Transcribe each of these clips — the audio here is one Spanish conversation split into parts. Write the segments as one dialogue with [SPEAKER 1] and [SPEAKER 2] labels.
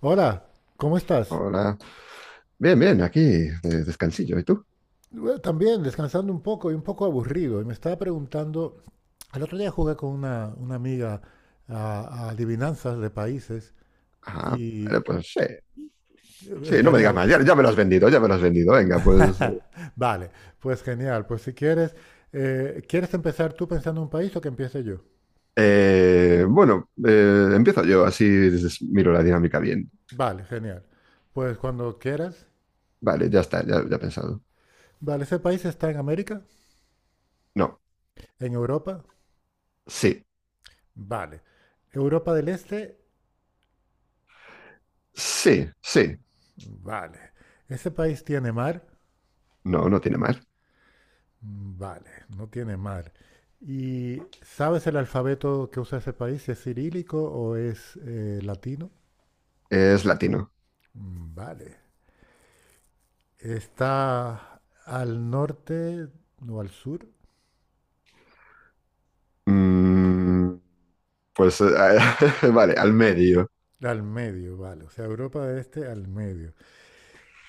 [SPEAKER 1] Hola, ¿cómo estás?
[SPEAKER 2] Hola. Bien, bien, aquí, descansillo. ¿Y tú?
[SPEAKER 1] Bueno, también descansando un poco y un poco aburrido. Y me estaba preguntando, el otro día jugué con una amiga a adivinanzas de países
[SPEAKER 2] Ah,
[SPEAKER 1] y eh,
[SPEAKER 2] vale, pues sí. Sí, no me
[SPEAKER 1] estaría...
[SPEAKER 2] digas
[SPEAKER 1] gu-
[SPEAKER 2] más. Ya, ya me lo has vendido, ya me lo has vendido. Venga, pues.
[SPEAKER 1] Vale, pues genial. Pues si quieres, ¿quieres empezar tú pensando en un país o que empiece yo?
[SPEAKER 2] Bueno, empiezo yo, así miro la dinámica bien.
[SPEAKER 1] Vale, genial. Pues cuando quieras.
[SPEAKER 2] Vale, ya está, ya, ya he pensado.
[SPEAKER 1] Vale, ¿ese país está en América?
[SPEAKER 2] No,
[SPEAKER 1] ¿En Europa?
[SPEAKER 2] sí,
[SPEAKER 1] Vale. ¿Europa del Este?
[SPEAKER 2] sí, sí.
[SPEAKER 1] Vale. ¿Ese país tiene mar?
[SPEAKER 2] No, no tiene más.
[SPEAKER 1] Mm, vale, no tiene mal. ¿Y sabes el alfabeto que usa ese país? ¿Si ¿Es cirílico o es latino?
[SPEAKER 2] Es latino.
[SPEAKER 1] Mm, vale. ¿Está al norte o al sur?
[SPEAKER 2] Mm, pues, vale, al medio.
[SPEAKER 1] Al medio, vale. O sea, Europa de este al medio.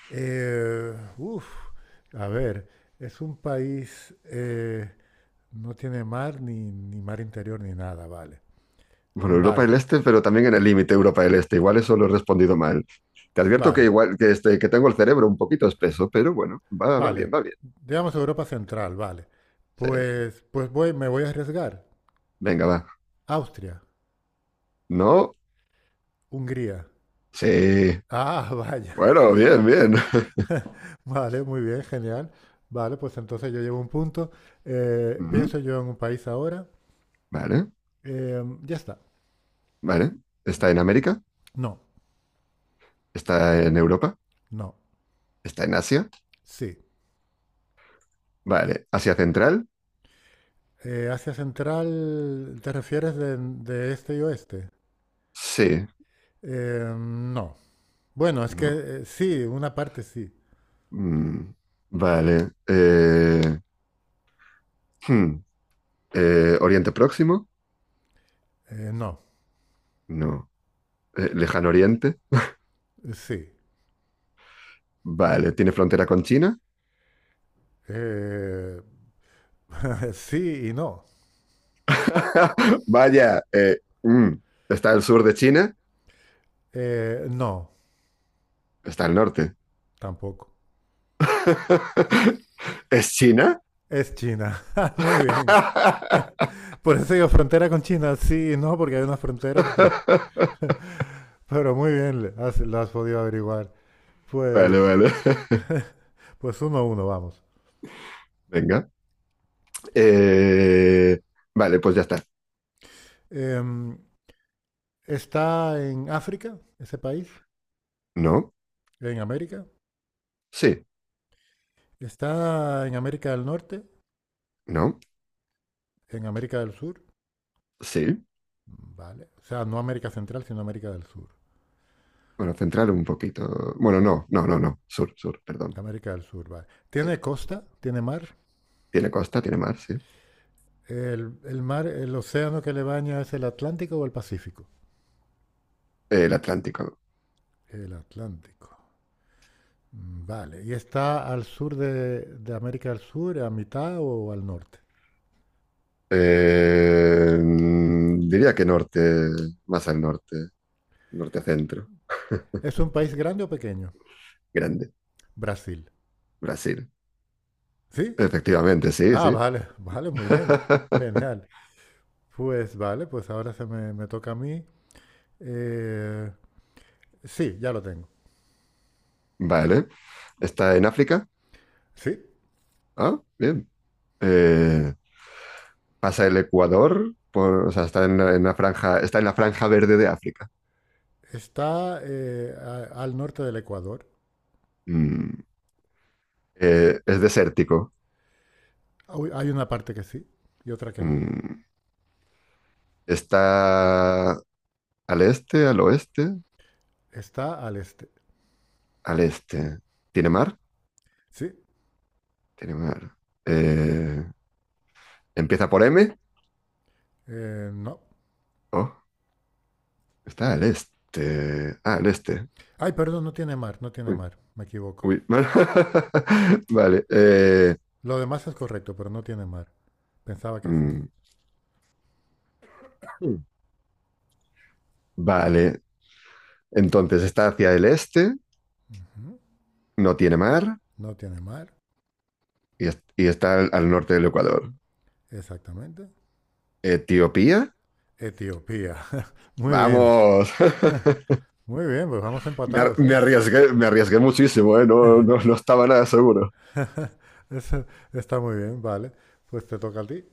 [SPEAKER 1] Eh, uf, a ver, es un país, no tiene mar, ni mar interior, ni nada, vale.
[SPEAKER 2] Bueno, Europa
[SPEAKER 1] Vale,
[SPEAKER 2] del Este, pero también en el límite Europa del Este. Igual eso lo he respondido mal. Te advierto que
[SPEAKER 1] vale.
[SPEAKER 2] igual que, este, que tengo el cerebro un poquito espeso, pero bueno, va, va
[SPEAKER 1] Vale,
[SPEAKER 2] bien, va bien.
[SPEAKER 1] digamos Europa Central, vale.
[SPEAKER 2] Sí.
[SPEAKER 1] Pues me voy a arriesgar.
[SPEAKER 2] Venga, va.
[SPEAKER 1] Austria,
[SPEAKER 2] No,
[SPEAKER 1] Hungría.
[SPEAKER 2] sí.
[SPEAKER 1] Ah, vaya.
[SPEAKER 2] Bueno, bien, bien.
[SPEAKER 1] Vale, muy bien, genial. Vale, pues entonces yo llevo un punto. Eh,
[SPEAKER 2] Ujú.
[SPEAKER 1] pienso yo en un país ahora.
[SPEAKER 2] Vale,
[SPEAKER 1] Ya está.
[SPEAKER 2] vale. ¿Está en América?
[SPEAKER 1] No,
[SPEAKER 2] ¿Está en Europa?
[SPEAKER 1] no.
[SPEAKER 2] ¿Está en Asia?
[SPEAKER 1] Sí.
[SPEAKER 2] Vale. ¿Asia Central?
[SPEAKER 1] Asia Central, ¿te refieres de este y oeste?
[SPEAKER 2] Sí.
[SPEAKER 1] No. Bueno, es que
[SPEAKER 2] No.
[SPEAKER 1] sí, una parte sí.
[SPEAKER 2] Mm. Vale. Hmm. ¿Oriente Próximo?
[SPEAKER 1] No,
[SPEAKER 2] No. ¿Lejano Oriente?
[SPEAKER 1] sí.
[SPEAKER 2] Vale. ¿Tiene frontera con China?
[SPEAKER 1] Eh, sí y no.
[SPEAKER 2] Vaya, está el sur de China,
[SPEAKER 1] No,
[SPEAKER 2] está el norte.
[SPEAKER 1] tampoco.
[SPEAKER 2] ¿Es China?
[SPEAKER 1] Es China. Muy bien. Por eso digo frontera con China. Sí, no, porque hay una frontera, pero muy bien, lo has podido averiguar.
[SPEAKER 2] Vale,
[SPEAKER 1] Pues,
[SPEAKER 2] vale.
[SPEAKER 1] pues 1-1, vamos.
[SPEAKER 2] Venga. Eh, vale, pues ya está.
[SPEAKER 1] Em, está en África, ese país,
[SPEAKER 2] No,
[SPEAKER 1] en América.
[SPEAKER 2] sí,
[SPEAKER 1] Está en América del Norte,
[SPEAKER 2] no,
[SPEAKER 1] en América del Sur,
[SPEAKER 2] sí.
[SPEAKER 1] vale. O sea, no América Central, sino América del Sur.
[SPEAKER 2] Bueno, centrar un poquito. Bueno, no, no, no, no. Sur, sur, perdón.
[SPEAKER 1] América del Sur, vale.
[SPEAKER 2] Sí.
[SPEAKER 1] Tiene costa, tiene mar.
[SPEAKER 2] Tiene costa, tiene mar, sí.
[SPEAKER 1] El mar, el océano que le baña es el Atlántico o el Pacífico.
[SPEAKER 2] El Atlántico.
[SPEAKER 1] El Atlántico. Mm, vale. ¿Y está al sur de América del Sur, a mitad o al norte?
[SPEAKER 2] Diría que norte, más al norte, norte-centro,
[SPEAKER 1] ¿Es un país grande o pequeño?
[SPEAKER 2] grande,
[SPEAKER 1] Brasil.
[SPEAKER 2] Brasil.
[SPEAKER 1] ¿Sí?
[SPEAKER 2] Efectivamente, sí,
[SPEAKER 1] Ah,
[SPEAKER 2] sí.
[SPEAKER 1] vale, vale, muy bien. Genial. Pues vale, pues ahora me toca a mí. Eh, sí, ya lo tengo.
[SPEAKER 2] Vale. ¿Está en África?
[SPEAKER 1] Sí,
[SPEAKER 2] Ah, bien. Eh, pasa el Ecuador, o sea, está en en la franja, está en la franja verde de África.
[SPEAKER 1] está al norte del Ecuador.
[SPEAKER 2] Mm, es desértico.
[SPEAKER 1] Hay una parte que sí y otra que no.
[SPEAKER 2] Mm, está al este, al oeste,
[SPEAKER 1] Está al este.
[SPEAKER 2] al este. ¿Tiene mar?
[SPEAKER 1] Sí,
[SPEAKER 2] Tiene mar. Eh, ¿Empieza por M?
[SPEAKER 1] no.
[SPEAKER 2] Oh, está al este. Ah, al este.
[SPEAKER 1] Ay, perdón, no tiene mar, no tiene
[SPEAKER 2] Uy,
[SPEAKER 1] mar. Me equivoco.
[SPEAKER 2] uy. Vale.
[SPEAKER 1] Lo demás es correcto, pero no tiene mar. Pensaba que sí.
[SPEAKER 2] Mm, Vale, entonces está hacia el este, no tiene mar
[SPEAKER 1] No tiene mar,
[SPEAKER 2] y, y está al, al norte del Ecuador.
[SPEAKER 1] exactamente.
[SPEAKER 2] Etiopía,
[SPEAKER 1] Etiopía. Muy bien,
[SPEAKER 2] vamos.
[SPEAKER 1] muy bien, pues vamos empatados, ¿eh?
[SPEAKER 2] Me arriesgué muchísimo, ¿eh? No, no, no estaba nada seguro.
[SPEAKER 1] Eso está muy bien, vale. Pues te toca a ti.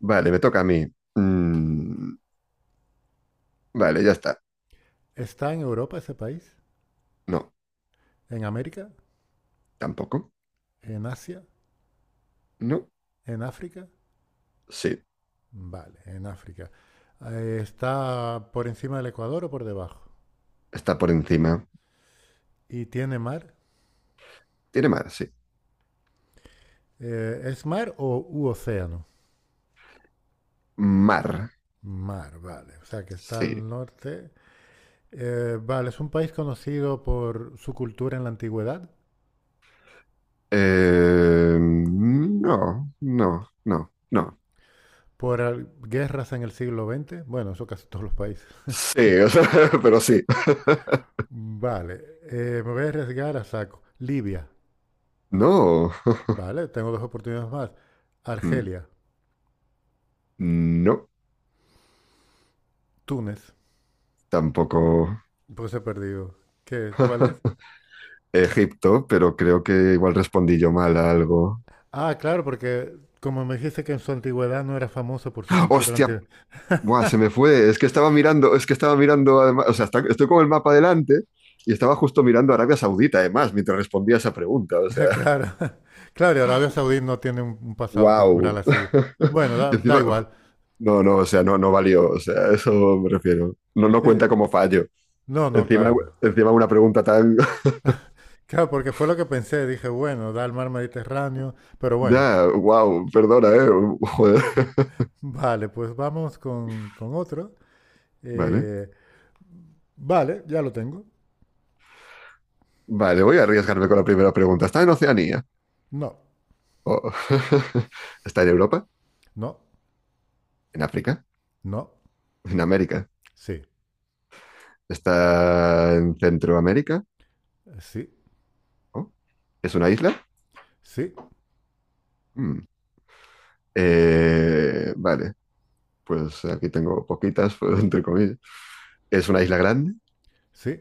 [SPEAKER 2] Vale, me toca a mí. Mm, vale, ya está.
[SPEAKER 1] ¿Está en Europa ese país?
[SPEAKER 2] No,
[SPEAKER 1] ¿En América?
[SPEAKER 2] tampoco.
[SPEAKER 1] ¿En Asia?
[SPEAKER 2] No,
[SPEAKER 1] ¿En África?
[SPEAKER 2] sí,
[SPEAKER 1] Vale, en África. ¿Está por encima del Ecuador o por debajo?
[SPEAKER 2] está por encima.
[SPEAKER 1] ¿Y tiene mar?
[SPEAKER 2] Tiene mar, sí.
[SPEAKER 1] ¿Es mar o u océano?
[SPEAKER 2] Mar,
[SPEAKER 1] Mar, vale. O sea que está
[SPEAKER 2] sí.
[SPEAKER 1] al norte. Vale, es un país conocido por su cultura en la antigüedad,
[SPEAKER 2] No, no, no, no.
[SPEAKER 1] por guerras en el siglo XX. Bueno, eso casi todos los países.
[SPEAKER 2] Sí, o sea, pero sí.
[SPEAKER 1] Vale, me voy a arriesgar a saco. Libia.
[SPEAKER 2] No.
[SPEAKER 1] Vale, tengo dos oportunidades más.
[SPEAKER 2] Hmm.
[SPEAKER 1] Argelia,
[SPEAKER 2] No,
[SPEAKER 1] Túnez.
[SPEAKER 2] tampoco.
[SPEAKER 1] Pues he perdido. ¿Qué? ¿Cuál es?
[SPEAKER 2] Egipto, pero creo que igual respondí yo mal a algo.
[SPEAKER 1] Ah, claro, porque como me dijiste que en su antigüedad no era famoso por su cultura
[SPEAKER 2] ¡Hostia!
[SPEAKER 1] antigua.
[SPEAKER 2] Buah, se me fue. Es que estaba mirando, es que estaba mirando, además, o sea, estoy con el mapa delante y estaba justo mirando Arabia Saudita, además, mientras respondía esa pregunta. O sea,
[SPEAKER 1] Claro, claro, y Arabia Saudí no tiene un pasado cultural
[SPEAKER 2] wow.
[SPEAKER 1] así. Bueno, da
[SPEAKER 2] Encima,
[SPEAKER 1] igual.
[SPEAKER 2] no, no, o sea, no, no valió. O sea, a eso me refiero. No, no
[SPEAKER 1] Sí.
[SPEAKER 2] cuenta como fallo.
[SPEAKER 1] No, no,
[SPEAKER 2] Encima,
[SPEAKER 1] claro.
[SPEAKER 2] encima una pregunta tan.
[SPEAKER 1] Claro, porque fue lo que pensé. Dije, bueno, da el mar Mediterráneo. Pero bueno,
[SPEAKER 2] Ya, wow, perdona, eh. Joder.
[SPEAKER 1] vale, pues vamos con otro.
[SPEAKER 2] Vale.
[SPEAKER 1] Eh, vale, ya lo tengo.
[SPEAKER 2] Vale, voy a arriesgarme con la primera pregunta. ¿Está en Oceanía?
[SPEAKER 1] No,
[SPEAKER 2] O- ¿Está en Europa?
[SPEAKER 1] no,
[SPEAKER 2] ¿En África?
[SPEAKER 1] no.
[SPEAKER 2] ¿En América?
[SPEAKER 1] Sí,
[SPEAKER 2] ¿Está en Centroamérica?
[SPEAKER 1] sí,
[SPEAKER 2] ¿O ¿Es una isla?
[SPEAKER 1] sí,
[SPEAKER 2] Mm. Vale, pues aquí tengo poquitas, pues, entre comillas. ¿Es una isla grande?
[SPEAKER 1] sí.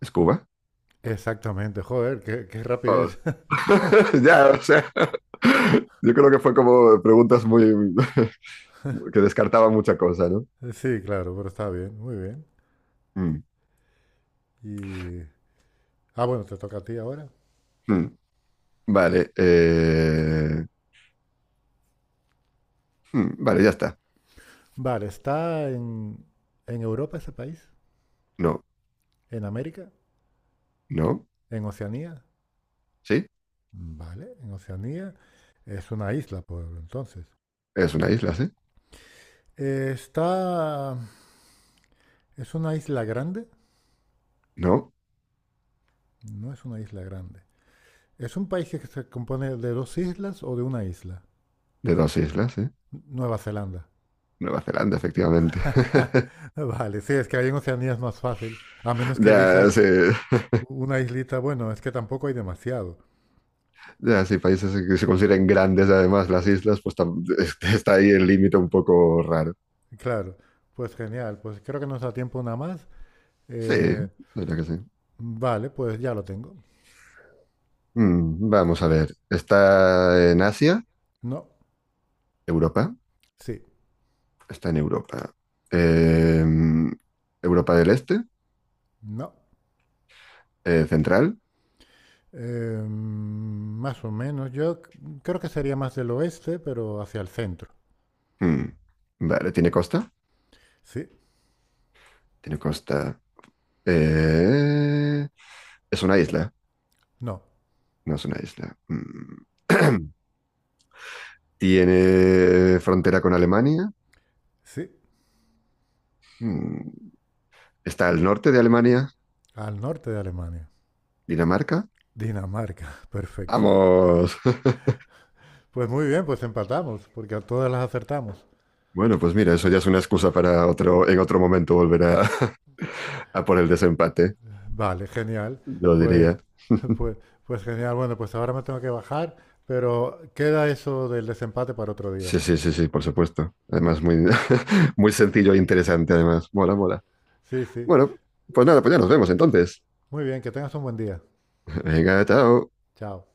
[SPEAKER 2] ¿Es Cuba?
[SPEAKER 1] Exactamente. Joder, qué
[SPEAKER 2] Vamos.
[SPEAKER 1] rapidez.
[SPEAKER 2] Ya, o sea, yo creo que fue como preguntas muy que descartaban mucha cosa, ¿no?
[SPEAKER 1] Sí, claro, pero está bien, muy bien.
[SPEAKER 2] Mm.
[SPEAKER 1] Y... Ah, bueno, te toca a ti ahora.
[SPEAKER 2] Mm. Vale, vale, ya está.
[SPEAKER 1] Vale, ¿está en Europa ese país?
[SPEAKER 2] No,
[SPEAKER 1] ¿En América?
[SPEAKER 2] no.
[SPEAKER 1] ¿En Oceanía?
[SPEAKER 2] Sí,
[SPEAKER 1] Vale, en Oceanía. Es una isla, por entonces.
[SPEAKER 2] es una isla, sí.
[SPEAKER 1] Eh, está... ¿Es una isla grande?
[SPEAKER 2] No,
[SPEAKER 1] No es una isla grande. ¿Es un país que se compone de dos islas o de una isla?
[SPEAKER 2] de dos islas, sí.
[SPEAKER 1] Nueva Zelanda.
[SPEAKER 2] Nueva Zelanda, efectivamente.
[SPEAKER 1] Vale, sí, es que ahí en Oceanía es más fácil, a menos que
[SPEAKER 2] Ya,
[SPEAKER 1] elijas
[SPEAKER 2] sí,
[SPEAKER 1] una islita, bueno, es que tampoco hay demasiado.
[SPEAKER 2] ya, sí, países que se consideren grandes, además, las islas, pues está ahí el límite un poco raro.
[SPEAKER 1] Claro, pues genial, pues creo que nos da tiempo una más.
[SPEAKER 2] Sí,
[SPEAKER 1] Eh,
[SPEAKER 2] diría que sí.
[SPEAKER 1] vale, pues ya lo tengo.
[SPEAKER 2] Vamos a ver. ¿Está en Asia?
[SPEAKER 1] No,
[SPEAKER 2] ¿Europa?
[SPEAKER 1] sí,
[SPEAKER 2] Está en Europa. Eh, ¿Europa del Este?
[SPEAKER 1] no.
[SPEAKER 2] ¿Central?
[SPEAKER 1] Más o menos, yo creo que sería más del oeste, pero hacia el centro.
[SPEAKER 2] Mm, vale, ¿tiene costa?
[SPEAKER 1] Sí,
[SPEAKER 2] Tiene costa. Eh, es una isla.
[SPEAKER 1] no,
[SPEAKER 2] No es una isla. Mm. Tiene frontera con Alemania.
[SPEAKER 1] sí,
[SPEAKER 2] Mm. Está al norte de Alemania,
[SPEAKER 1] al norte de Alemania.
[SPEAKER 2] Dinamarca.
[SPEAKER 1] Dinamarca, perfecto.
[SPEAKER 2] Vamos.
[SPEAKER 1] Pues muy bien, pues empatamos, porque a todas las acertamos.
[SPEAKER 2] Bueno, pues mira, eso ya es una excusa para otro, en otro momento volver a, a por el desempate,
[SPEAKER 1] Vale, genial.
[SPEAKER 2] lo
[SPEAKER 1] Pues,
[SPEAKER 2] diría.
[SPEAKER 1] pues, pues genial. Bueno, pues ahora me tengo que bajar, pero queda eso del desempate para otro día.
[SPEAKER 2] Sí, sí, sí, sí, por supuesto. Además, muy, muy sencillo e interesante, además. Mola, mola.
[SPEAKER 1] Sí, sí.
[SPEAKER 2] Bueno, pues nada, pues ya nos vemos entonces.
[SPEAKER 1] Muy bien, que tengas un buen día.
[SPEAKER 2] Venga, chao.
[SPEAKER 1] Chao.